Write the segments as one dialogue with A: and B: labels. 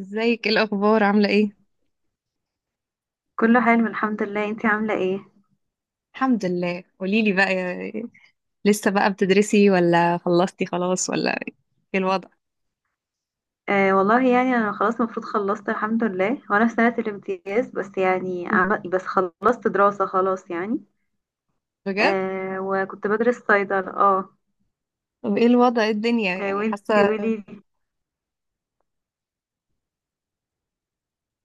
A: ازيك، ايه الاخبار، عامله ايه؟
B: كله حلو الحمد لله، انتي عاملة ايه؟
A: الحمد لله. قولي لي بقى يا- لسه بقى بتدرسي ولا خلصتي خلاص، ولا ايه الوضع؟
B: والله يعني انا خلاص المفروض خلصت الحمد لله، وانا في سنة الامتياز، بس يعني
A: مم.
B: بس خلصت دراسة خلاص يعني.
A: بجد؟
B: وكنت بدرس صيدلة. اه
A: طب ايه الوضع، إيه الدنيا
B: آه،
A: يعني،
B: وانتي
A: حاسه؟
B: قوليلي.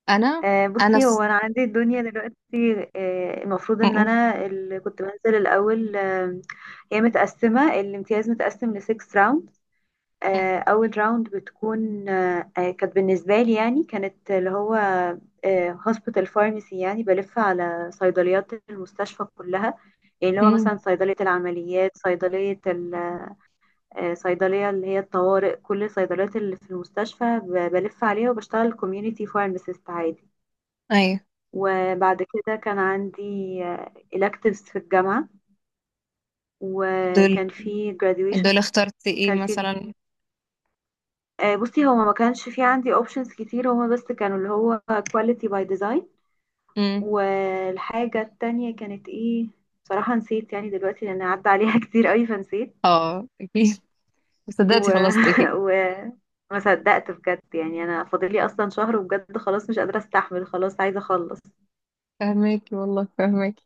A: انا
B: آه،
A: انا
B: بصي
A: س...
B: هو انا عندي الدنيا دلوقتي، المفروض
A: م-
B: ان
A: م-
B: انا اللي كنت بنزل الاول. هي متقسمة، الامتياز متقسم ل 6 rounds. آه،
A: م-
B: اول راوند بتكون، كانت بالنسبه لي يعني، كانت اللي هو هوسبيتال فارماسي، يعني بلف على صيدليات المستشفى كلها، يعني اللي هو
A: م.
B: مثلا صيدليه العمليات، صيدليه صيدليه اللي هي الطوارئ، كل الصيدليات اللي في المستشفى بلف عليها وبشتغل كوميونتي فارماسيست عادي.
A: ايوه.
B: وبعد كده كان عندي electives في الجامعه،
A: دول،
B: وكان في graduation.
A: دول اخترت ايه
B: كان في
A: مثلا؟
B: بصي، هو ما كانش في عندي اوبشنز كتير، هما بس كانوا اللي هو كواليتي باي ديزاين.
A: م.
B: والحاجة التانية كانت ايه؟ بصراحة نسيت يعني دلوقتي لان عدى عليها كتير قوي فنسيت.
A: اه اكيد، صدقتي
B: و...
A: خلصت اكيد.
B: و... ما صدقت بجد، يعني انا فاضلي اصلا شهر وبجد خلاص مش قادرة استحمل خلاص عايزة اخلص.
A: فهماكي والله فهماكي.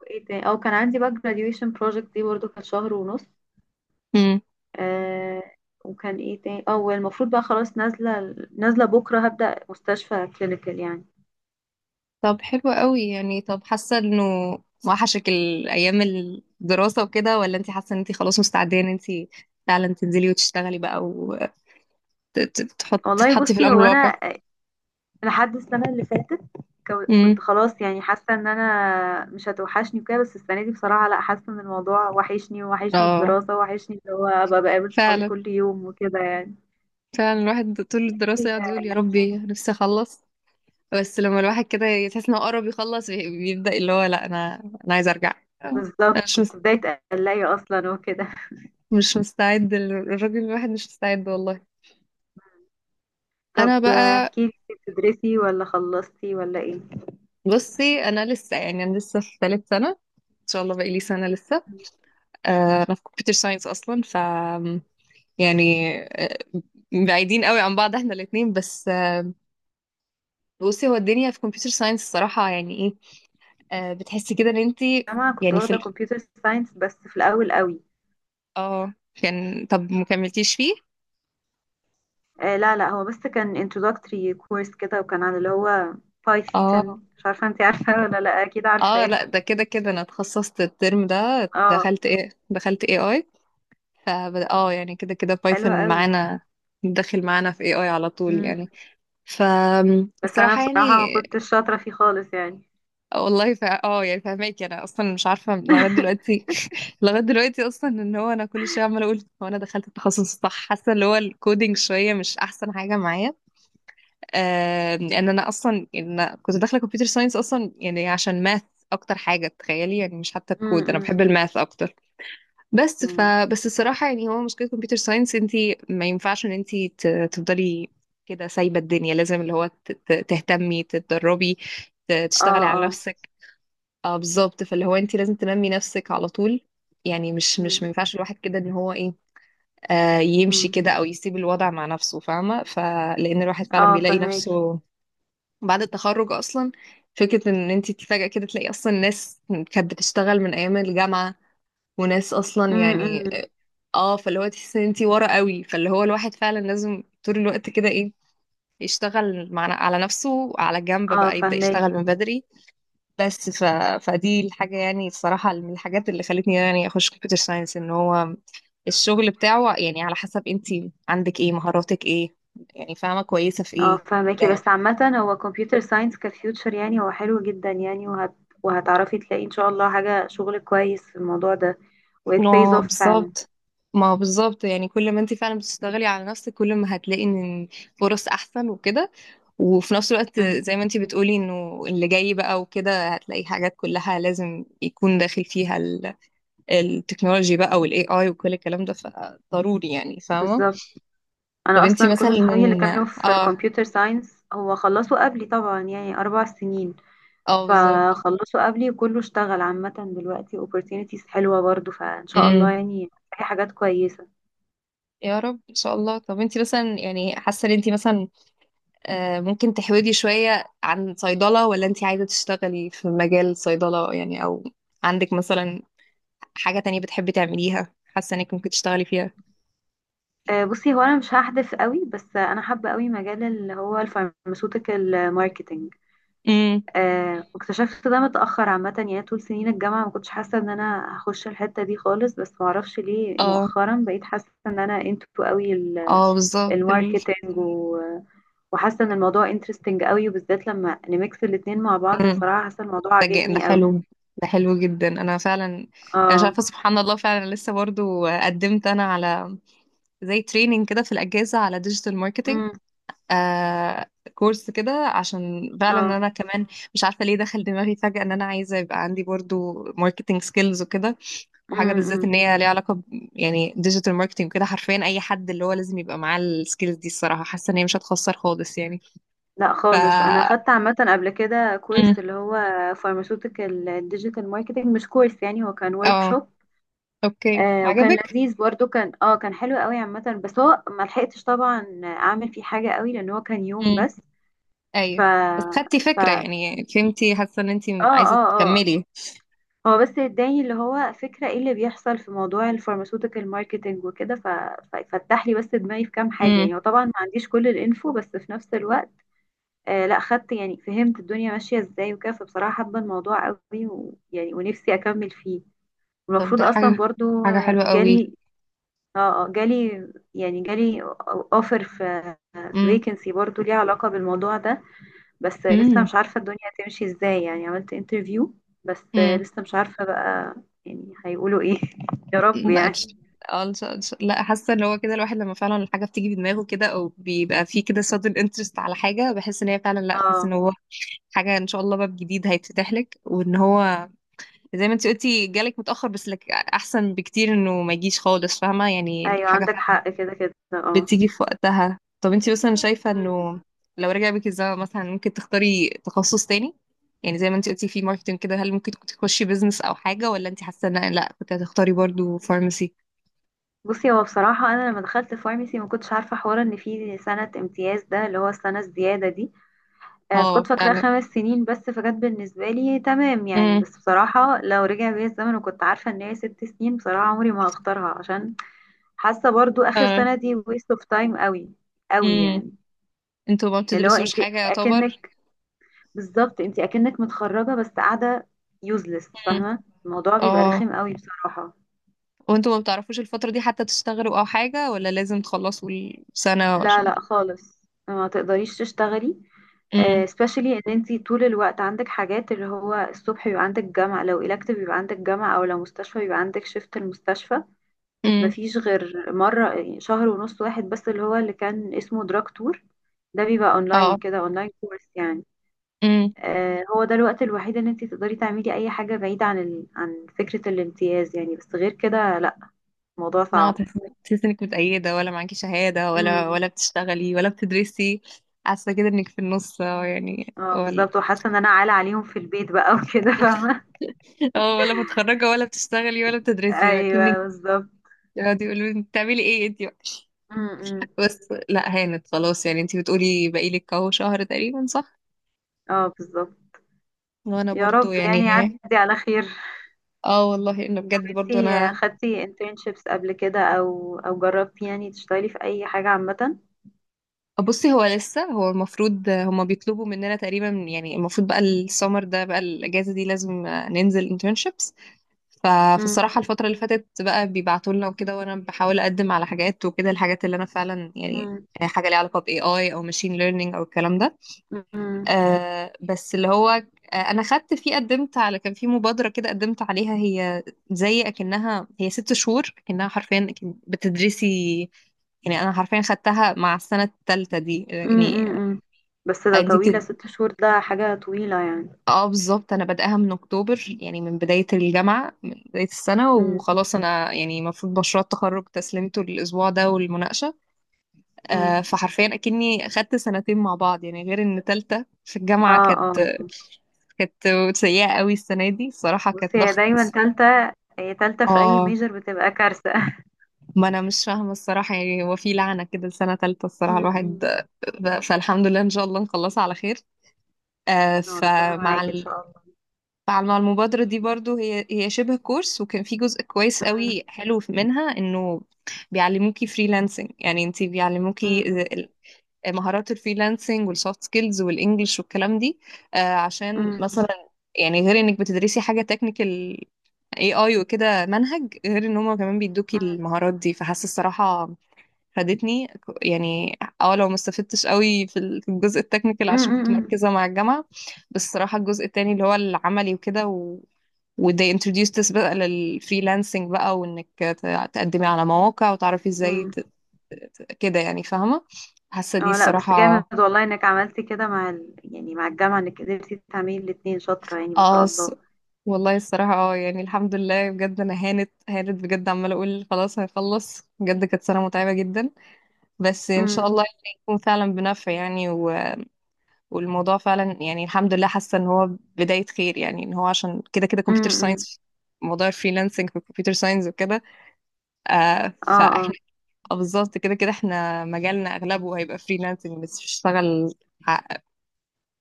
B: وايه تاني؟ او كان عندي بقى graduation project، دي برضو كانت شهر ونص.
A: حلو.
B: آه. وكان ايه تاني؟ اه والمفروض بقى خلاص نازلة بكرة هبدأ مستشفى كلينيكال يعني.
A: طب حلو قوي يعني. طب حاسه انه وحشك الايام الدراسه وكده، ولا انت حاسه ان انت خلاص مستعده ان انت فعلا تنزلي وتشتغلي بقى، وتحط
B: والله
A: تتحطي في
B: بصي،
A: الامر
B: هو
A: الواقع؟
B: انا لحد السنة اللي فاتت
A: امم.
B: كنت خلاص يعني حاسة ان انا مش هتوحشني وكده، بس السنة دي بصراحة لا، حاسة ان الموضوع وحشني، ووحشني
A: اه
B: الدراسة، وحشني اللي هو ابقى بقابل صحابي
A: فعلا،
B: كل يوم وكده يعني.
A: فعلا. الواحد طول الدراسه يقعد يقول يا ربي نفسي اخلص، بس لما الواحد كده يحس انه قرب يخلص بيبدا اللي هو لا، انا عايز ارجع، انا
B: بالظبط،
A: مش مس-
B: بتبداي تقلقي اصلا وكده.
A: مش مستعد، الراجل الواحد مش مستعد والله. انا
B: طب
A: بقى،
B: احكي لي، بتدرسي ولا خلصتي ولا ايه؟
A: بصي انا لسه، يعني انا لسه في ثالث سنه، ان شاء الله بقالي سنة لسه. انا في كمبيوتر ساينس اصلا، ف يعني آه، بعيدين قوي عن بعض احنا الاتنين. بس آه، بصي هو الدنيا في كمبيوتر ساينس الصراحة يعني ايه؟ بتحسي كده ان انت
B: انا كنت
A: يعني في
B: واخدة
A: ال...
B: كمبيوتر ساينس بس في الاول قوي.
A: اه كان، طب ما كملتيش فيه؟
B: آه، لا لا، هو بس كان introductory course كده، وكان على اللي هو
A: اه.
B: بايثون، مش عارفة انت عارفة ولا لا، اكيد
A: اه
B: عارفاه.
A: لا، ده كده كده انا اتخصصت الترم ده،
B: اه.
A: دخلت ايه، دخلت اي اي. ف اه يعني كده كده
B: حلو
A: بايثون
B: قوي.
A: معانا داخل معانا في اي اي على طول
B: امم.
A: يعني.
B: بس انا
A: فالصراحة يعني،
B: بصراحة ما كنتش شاطرة فيه خالص يعني.
A: والله اه يعني فاهماكي، انا اصلا مش عارفه لغايه دلوقتي لغايه دلوقتي اصلا ان هو انا كل شويه عماله اقول هو انا دخلت التخصص الصح، حاسه اللي هو الكودينج شويه مش احسن حاجه معايا. لان انا اصلا إن كنت داخله كمبيوتر ساينس اصلا يعني عشان ماث، اكتر حاجه تخيلي، يعني مش حتى الكود، انا
B: امم.
A: بحب الماث اكتر. بس ف
B: امم.
A: بس الصراحه يعني، هو مشكله كمبيوتر ساينس، انت ما ينفعش ان انت ت... تفضلي كده سايبه الدنيا، لازم اللي هو تهتمي، تتدربي،
B: اه
A: تشتغلي على
B: اه
A: نفسك. اه بالظبط، فاللي هو انت لازم تنمي نفسك على طول، يعني مش مش
B: امم.
A: ما ينفعش الواحد كده ان هو ايه، يمشي
B: امم.
A: كده او يسيب الوضع مع نفسه، فاهمه؟ فلان الواحد فعلا
B: اه
A: بيلاقي
B: فهماكي.
A: نفسه بعد التخرج اصلا، فكره ان انت فجاه كده تلاقي اصلا ناس كانت بتشتغل من ايام الجامعه، وناس اصلا يعني،
B: امم.
A: اه فاللي هو تحس ان انت ورا قوي، فاللي هو الواحد فعلا لازم طول الوقت كده ايه، يشتغل مع على نفسه على جنب
B: اه
A: بقى، يبدأ
B: فهماكي.
A: يشتغل من بدري. بس ف... فدي الحاجة يعني، الصراحة من الحاجات اللي خلتني يعني أخش كمبيوتر ساينس، إن هو الشغل بتاعه يعني على حسب أنتي عندك إيه، مهاراتك إيه، يعني فاهمة كويسة في
B: اه
A: إيه
B: فهماكي،
A: كده.
B: بس عامة هو كمبيوتر ساينس كفيوتشر يعني، هو حلو جدا يعني، وهتعرفي تلاقي ان شاء الله حاجة شغل كويس في الموضوع ده، و it pays
A: اه م.
B: off فعلا.
A: بالظبط، ما هو بالظبط، يعني كل ما أنتي فعلا بتشتغلي على نفسك كل ما هتلاقي إن فرص أحسن وكده، وفي نفس الوقت
B: امم.
A: زي ما أنتي بتقولي إنه اللي جاي بقى وكده هتلاقي حاجات كلها لازم يكون داخل فيها التكنولوجي بقى، وال AI وكل الكلام ده، فضروري يعني، فاهمة؟
B: بالظبط.
A: طب
B: انا
A: انتي
B: اصلا
A: مثلا،
B: كل صحابي اللي كانوا في
A: اه.
B: كمبيوتر ساينس هو خلصوا قبلي طبعا يعني، اربع سنين.
A: اه بالظبط.
B: فخلصوا قبلي وكله اشتغل، عامة دلوقتي opportunities حلوة برضو، فإن شاء الله
A: امم.
B: يعني في حاجات كويسة.
A: يا رب ان شاء الله. طب انتي مثلا يعني حاسه ان انتي مثلا ممكن تحودي شويه عن صيدله، ولا انتي عايزه تشتغلي في مجال صيدله يعني، او عندك مثلا حاجه تانية بتحبي تعمليها حاسه انك ممكن تشتغلي فيها؟
B: آه، بصي هو أنا مش هحدث قوي، بس أنا حابة قوي مجال اللي هو الفارماسيوتيكال ماركتينج.
A: امم.
B: واكتشفت ده متأخر عامة، يعني طول سنين الجامعة ما كنتش حاسة إن أنا هخش الحتة دي خالص، بس معرفش ليه
A: اه.
B: مؤخرا بقيت حاسة إن أنا انتو قوي
A: اه بالظبط ال-
B: الماركتينج، وحاسة إن الموضوع انترستنج قوي، وبالذات لما نميكس الاتنين مع بعض،
A: مم.
B: بصراحة حاسة الموضوع
A: ده
B: عاجبني قوي.
A: حلو، ده حلو جدا. انا فعلا انا مش
B: اه.
A: عارفه، سبحان الله، فعلا لسه برضو قدمت انا على زي تريننج كده في الاجازه على ديجيتال ماركتنج،
B: امم.
A: آه كورس كده، عشان فعلا
B: اه.
A: انا كمان مش عارفه ليه دخل دماغي فجاه ان انا عايزه يبقى عندي برضو ماركتنج سكيلز وكده، وحاجه بالذات
B: امم.
A: ان هي ليها علاقه ب يعني ديجيتال ماركتنج وكده. حرفيا اي حد اللي هو لازم يبقى معاه السكيلز دي الصراحه، حاسه ان هي مش هتخسر خالص يعني.
B: لا
A: ف
B: خالص، انا خدت عامه قبل كده
A: مم.
B: كورس اللي هو فارماسيوتيكال ديجيتال ماركتنج، مش كورس يعني، هو كان ورك
A: اه
B: شوب.
A: اوكي،
B: وكان
A: عجبك.
B: لذيذ برضو، كان كان حلو قوي عامه، بس هو ما لحقتش طبعا اعمل فيه حاجه قوي لان هو كان يوم
A: امم،
B: بس. ف
A: ايوه. بس خدتي
B: ف
A: فكره
B: اه
A: يعني، فهمتي، حاسه ان انت
B: اه
A: عايزه
B: اه.
A: تكملي.
B: هو بس اداني اللي هو فكره ايه اللي بيحصل في موضوع الفارماسيوتيكال ماركتنج وكده، ففتح لي بس دماغي في كام حاجه
A: امم.
B: يعني، وطبعا ما عنديش كل الانفو بس في نفس الوقت لا خدت يعني، فهمت الدنيا ماشية ازاي وكده، فبصراحة حابة الموضوع قوي ويعني ونفسي اكمل فيه.
A: طب
B: والمفروض
A: ده
B: اصلا
A: حاجه،
B: برضو
A: حاجه حلوه قوي.
B: جالي، اه جالي، يعني جالي اوفر في
A: امم.
B: فيكنسي برضو ليها علاقة بالموضوع ده، بس لسه مش عارفة الدنيا هتمشي ازاي، يعني عملت انترفيو، بس
A: امم.
B: لسه مش عارفة بقى يعني هيقولوا ايه يا رب
A: لا إن
B: يعني.
A: شاء- اه إن شاء- إن شاء- لا، حاسه ان هو كده الواحد لما فعلا الحاجه بتيجي في دماغه كده، او بيبقى فيه كده sudden interest على حاجه، بحس ان هي فعلا لا، تحس ان
B: اه
A: هو حاجه ان شاء الله باب جديد هيتفتح لك، وان هو زي ما انت قلتي جالك متاخر، بس لك احسن بكتير انه ما يجيش خالص، فاهمه يعني؟
B: ايوه
A: الحاجه
B: عندك
A: فعلا
B: حق، كده كده اه.
A: بتيجي في وقتها. طب انت مثلا شايفه انه لو رجع بك الزمن مثلا ممكن تختاري تخصص تاني؟ يعني زي ما انت قلتي في ماركتنج كده، هل ممكن كنت تخشي بيزنس او حاجه، ولا انت حاسه ان لا، كنت هتختاري برضو فارماسي؟
B: بصي هو بصراحة أنا لما دخلت فارمسي ما كنتش عارفة حوار إن في سنة امتياز، ده اللي هو السنة الزيادة دي.
A: اه
B: فكنت فاكراها
A: فعلا.
B: خمس سنين بس، فكانت بالنسبة لي تمام يعني،
A: امم.
B: بس بصراحة لو رجع بيا الزمن وكنت عارفة إن هي ست سنين، بصراحة عمري ما هختارها، عشان حاسة برضو آخر
A: اه.
B: سنة دي waste of time قوي، قوي
A: امم.
B: يعني.
A: انتوا ما
B: اللي هو
A: بتدرسوش
B: أنت
A: حاجة يعتبر.
B: أكنك، بالظبط، أنت أكنك متخرجة بس قاعدة useless،
A: امم.
B: فاهمة الموضوع بيبقى
A: اه.
B: رخم قوي بصراحة.
A: وانتوا ما بتعرفوش الفترة دي حتى تشتغلوا او حاجة، ولا لازم تخلصوا السنة
B: لا
A: عشان؟
B: لا خالص، ما تقدريش تشتغلي.
A: امم.
B: آه، especially ان انتي طول الوقت عندك حاجات، اللي هو الصبح بيبقى عندك جامعة، لو elective بيبقى عندك جامعة، او لو مستشفى بيبقى عندك شيفت المستشفى.
A: امم.
B: مفيش غير مرة يعني، شهر ونص واحد بس، اللي هو اللي كان اسمه دراج تور، ده بيبقى اونلاين،
A: اه.
B: كده اونلاين كورس يعني.
A: امم.
B: آه، هو ده الوقت الوحيد ان انتي تقدري تعملي اي حاجة بعيدة عن عن فكرة الامتياز يعني، بس غير كده لا، الموضوع
A: لا
B: صعب.
A: تحس، تحس انك متأيدة، ولا معاكي شهادة، ولا
B: امم.
A: ولا بتشتغلي ولا بتدرسي، حاسة كده انك في النص اه يعني،
B: اه
A: ولا؟
B: بالظبط، وحاسة ان انا عالة عليهم في البيت بقى وكده فاهمة.
A: اه، ولا متخرجة ولا بتشتغلي ولا بتدرسي، كأنك
B: ايوه بالظبط.
A: يقعدوا يقولوا انت بتعملي ايه انت بقى.
B: امم.
A: بس لا، هانت خلاص يعني، انت بتقولي بقالك اهو شهر تقريبا صح؟
B: اه بالظبط.
A: وانا
B: يا
A: برضو
B: رب
A: يعني،
B: يعني يعدي على خير.
A: اه والله انه بجد برضو
B: انتي
A: انا.
B: خدتي internships قبل كده، او او جربتي يعني تشتغلي في اي حاجة عامة؟
A: بصي هو لسه، هو المفروض هما بيطلبوا مننا تقريبا، يعني المفروض بقى السمر ده بقى، الاجازه دي لازم ننزل internships.
B: مم.
A: فالصراحه الفتره اللي فاتت بقى بيبعتوا لنا وكده، وانا بحاول اقدم على حاجات وكده، الحاجات اللي انا فعلا يعني
B: مم.
A: حاجه ليها علاقه ب AI او machine learning او الكلام ده.
B: مم.
A: آه بس اللي هو آه، انا خدت فيه، قدمت على، كان في مبادره كده قدمت عليها، هي زي اكنها، هي ست شهور، اكنها حرفيا أكن بتدرسي، يعني انا حرفيا خدتها مع السنه الثالثه دي
B: مم.
A: يعني.
B: مم. بس ده
A: فانتي
B: طويلة،
A: بتد...
B: ست شهور ده حاجة طويلة يعني.
A: اه بالظبط، انا بادئها من اكتوبر، يعني من بدايه الجامعه، من بدايه السنه،
B: مم.
A: وخلاص انا يعني المفروض مشروع التخرج تسليمته الاسبوع ده والمناقشه.
B: مم.
A: فحرفيا اكني خدت سنتين مع بعض يعني، غير ان ثالثه في الجامعه
B: اه.
A: كانت
B: اه.
A: كانت سيئه قوي، السنه دي الصراحه كانت
B: بصي هي
A: ضغط.
B: دايما تالتة، هي تالتة في اي
A: اه،
B: ميجر بتبقى كارثة
A: ما انا مش فاهمه الصراحه يعني، هو في لعنه كده لسنه ثالثه
B: مم.
A: الصراحه الواحد.
B: مم.
A: فالحمد لله ان شاء الله نخلصها على خير. آه،
B: اه ربنا
A: فمع
B: معاكي ان شاء
A: ال...
B: الله.
A: مع مع المبادرة دي برضو، هي هي شبه كورس، وكان في جزء كويس
B: مم.
A: قوي حلو منها انه بيعلموكي فريلانسنج، يعني انتي بيعلموكي
B: مم.
A: مهارات الفريلانسنج والسوفت سكيلز والانجلش والكلام دي. عشان
B: مم.
A: مثلا يعني غير انك بتدرسي حاجة تكنيكال، اي اي وكده منهج، غير ان هما كمان بيدوكي
B: مم.
A: المهارات دي، فحاسة الصراحة فادتني يعني، اه لو ما استفدتش قوي في في الجزء التكنيكال
B: مم.
A: عشان كنت
B: مم.
A: مركزة مع الجامعة، بس الصراحة الجزء التاني اللي هو العملي وكده و... و they introduced us بقى للفريلانسنج بقى، وانك تقدمي على مواقع وتعرفي ازاي
B: مم.
A: كده يعني، فاهمة؟ حاسة دي
B: اه لا بس جامد
A: الصراحة.
B: والله انك عملتي كده مع يعني مع الجامعة، انك قدرتي تعملي الاتنين، شاطرة يعني، ما شاء
A: اه الص-
B: الله.
A: والله الصراحة اه يعني الحمد لله بجد، انا هانت هانت بجد، عمالة اقول خلاص هيخلص بجد، كانت سنة متعبة جدا، بس ان
B: امم.
A: شاء الله يعني يكون فعلا بنفع يعني، والموضوع فعلا يعني الحمد لله. حاسه ان هو بدايه خير يعني، ان هو عشان كده كده كمبيوتر
B: امم.
A: ساينس، موضوع الفريلانسنج في الكمبيوتر ساينس وكده، آه
B: اه. اه
A: فاحنا آه، بالظبط كده كده احنا مجالنا اغلبه هيبقى فريلانسنج، بس بشتغل ع-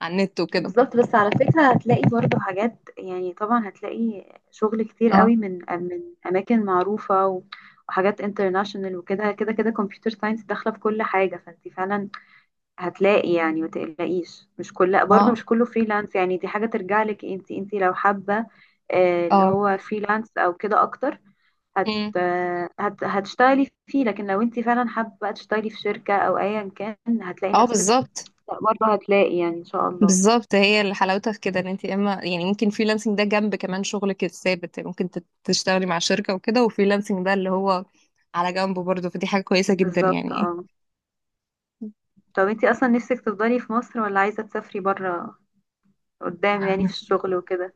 A: على النت وكده.
B: بالظبط. بس على فكرة هتلاقي برضو حاجات، يعني طبعا هتلاقي شغل كتير
A: اه
B: قوي من اماكن معروفة وحاجات انترناشونال وكده، كده كده كمبيوتر ساينس داخلة في كل حاجة، فانت فعلا هتلاقي يعني، ما تقلقيش، مش كل برضو
A: ما
B: مش كله فريلانس يعني، دي حاجة ترجع لك، انت انت لو حابة اللي
A: اه
B: هو فريلانس او كده اكتر هت...
A: مم.
B: هتشتغلي فيه، لكن لو انت فعلا حابة بقى تشتغلي في شركة او ايا كان، هتلاقي
A: اه
B: نفسك
A: بالظبط.
B: برضه، هتلاقي يعني ان شاء الله.
A: بالظبط، هي اللي حلاوتها في كده، ان انت اما يعني ممكن فريلانسنج ده جنب كمان شغلك الثابت، يعني ممكن تشتغلي مع شركه وكده، وفريلانسنج ده اللي هو على جنبه برضه، فدي حاجه كويسه جدا
B: بالظبط
A: يعني.
B: اه. طب انت اصلا نفسك تفضلي في مصر ولا عايزة تسافري برا قدام يعني في الشغل وكده؟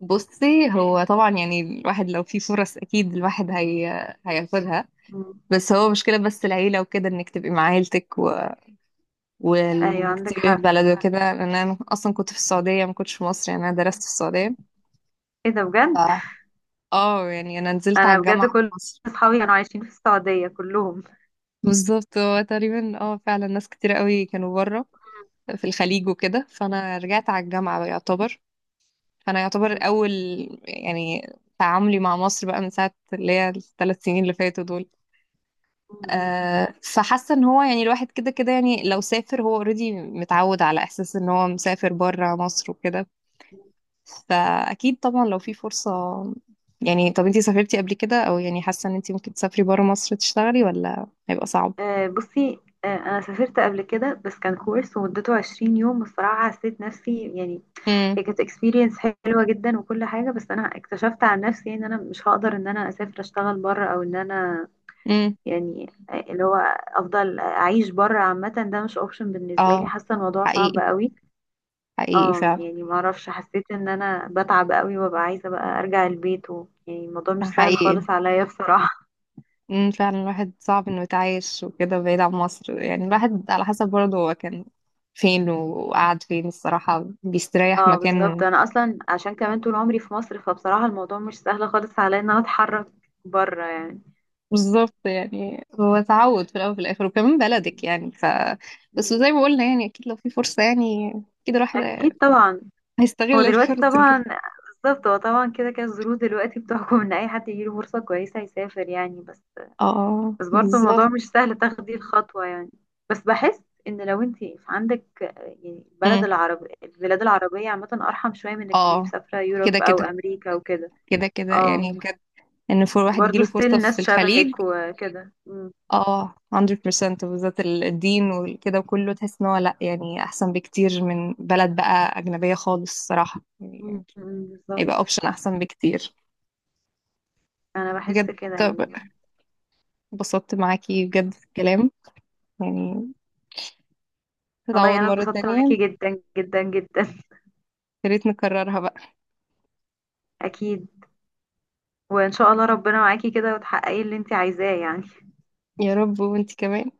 A: بصي هو طبعا يعني الواحد لو في فرص اكيد الواحد هياخدها،
B: مم.
A: بس هو مشكلة، بس العيلة وكده انك تبقي مع عيلتك و...
B: ايوه
A: وانك
B: عندك
A: تبقي في
B: حق،
A: بلد وكده، لان انا اصلا كنت في السعودية، ما كنتش في مصر، يعني انا درست في السعودية.
B: ايه ده
A: ف
B: بجد.
A: اه يعني انا نزلت على
B: انا بجد
A: الجامعة في
B: كل
A: مصر.
B: اصحابي كانوا عايشين في السعودية كلهم.
A: بالظبط هو تقريبا، اه فعلا، ناس كتير قوي كانوا بره في الخليج وكده، فانا رجعت على الجامعة بقى يعتبر، فانا يعتبر
B: مم.
A: اول يعني تعاملي مع مصر بقى من ساعة اللي هي الثلاث سنين اللي فاتوا دول.
B: مم.
A: فحاسه ان هو يعني الواحد كده كده يعني لو سافر، هو اوريدي متعود على احساس ان هو مسافر بره مصر وكده، فاكيد طبعا لو في فرصه يعني. طب انتي سافرتي قبل كده، او يعني حاسه ان انتي ممكن تسافري بره مصر تشتغلي، ولا هيبقى صعب؟
B: آه، بصي، آه، انا سافرت قبل كده بس كان كورس ومدته 20 يوم، والصراحه حسيت نفسي يعني،
A: امم.
B: هي كانت اكسبيرينس حلوه جدا وكل حاجه، بس انا اكتشفت عن نفسي ان انا مش هقدر ان انا اسافر اشتغل بره، او ان انا
A: امم.
B: يعني اللي هو افضل اعيش بره عامه، ده مش اوبشن بالنسبه لي،
A: اه.
B: حاسه الموضوع صعب
A: حقيقي،
B: قوي.
A: حقيقي
B: اه
A: فعلا.
B: يعني ما اعرفش، حسيت ان انا بتعب قوي وببقى عايزه بقى ارجع البيت يعني الموضوع مش سهل
A: حقيقي.
B: خالص عليا بصراحه.
A: فعلا، الواحد صعب انه يتعايش وكده بعيد عن مصر، يعني الواحد على حسب برضه هو كان فين وقعد فين الصراحه بيستريح
B: اه بالظبط،
A: مكان.
B: انا اصلا عشان كمان طول عمري في مصر، فبصراحه الموضوع مش سهل خالص عليا ان انا اتحرك بره يعني.
A: بالظبط، يعني هو تعود في الاول وفي الاخر، وكمان بلدك يعني، ف بس
B: مم.
A: زي ما قلنا يعني اكيد لو في فرصه يعني، اكيد الواحد
B: اكيد طبعا. هو
A: هيستغل
B: دلوقتي
A: الفرصه دي.
B: طبعا، بالظبط، هو طبعا كده كده الظروف دلوقتي بتحكم ان اي حد يجيله فرصة كويسة يسافر يعني، بس
A: اه
B: بس برضه الموضوع
A: بالظبط.
B: مش سهل تاخدي الخطوة يعني. بس بحس ان لو انت عندك يعني البلد
A: أمم.
B: العربي، البلاد العربية عامة ارحم شوية من انك تبقي
A: اه.
B: مسافرة
A: كده
B: يوروب او
A: كده
B: امريكا وكده.
A: كده كده
B: اه
A: يعني بجد، ان فور واحد
B: برضه
A: يجيله فرصه
B: ستيل
A: في
B: ناس
A: الخليج،
B: شبهك وكده. أمم،
A: اه 100% بالذات الدين وكده وكله، تحس ان هو لا يعني احسن بكتير من بلد بقى اجنبيه خالص الصراحه
B: أمم،
A: يعني،
B: أمم، بالظبط.
A: هيبقى اوبشن احسن بكتير.
B: انا بحس
A: بجد،
B: كده
A: طب
B: يعني.
A: اتبسطت معاكي بجد في الكلام يعني،
B: والله
A: تتعوض
B: انا
A: مرة
B: اتبسطت
A: تانية،
B: معاكي جدا جدا جدا.
A: يا ريت نكررها بقى.
B: اكيد، وان شاء الله ربنا معاكي كده وتحققي اللي انت عايزاه يعني.
A: يا رب، وانتي كمان.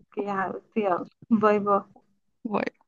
B: اوكي يا حبيبتي، يلا باي باي.
A: باي.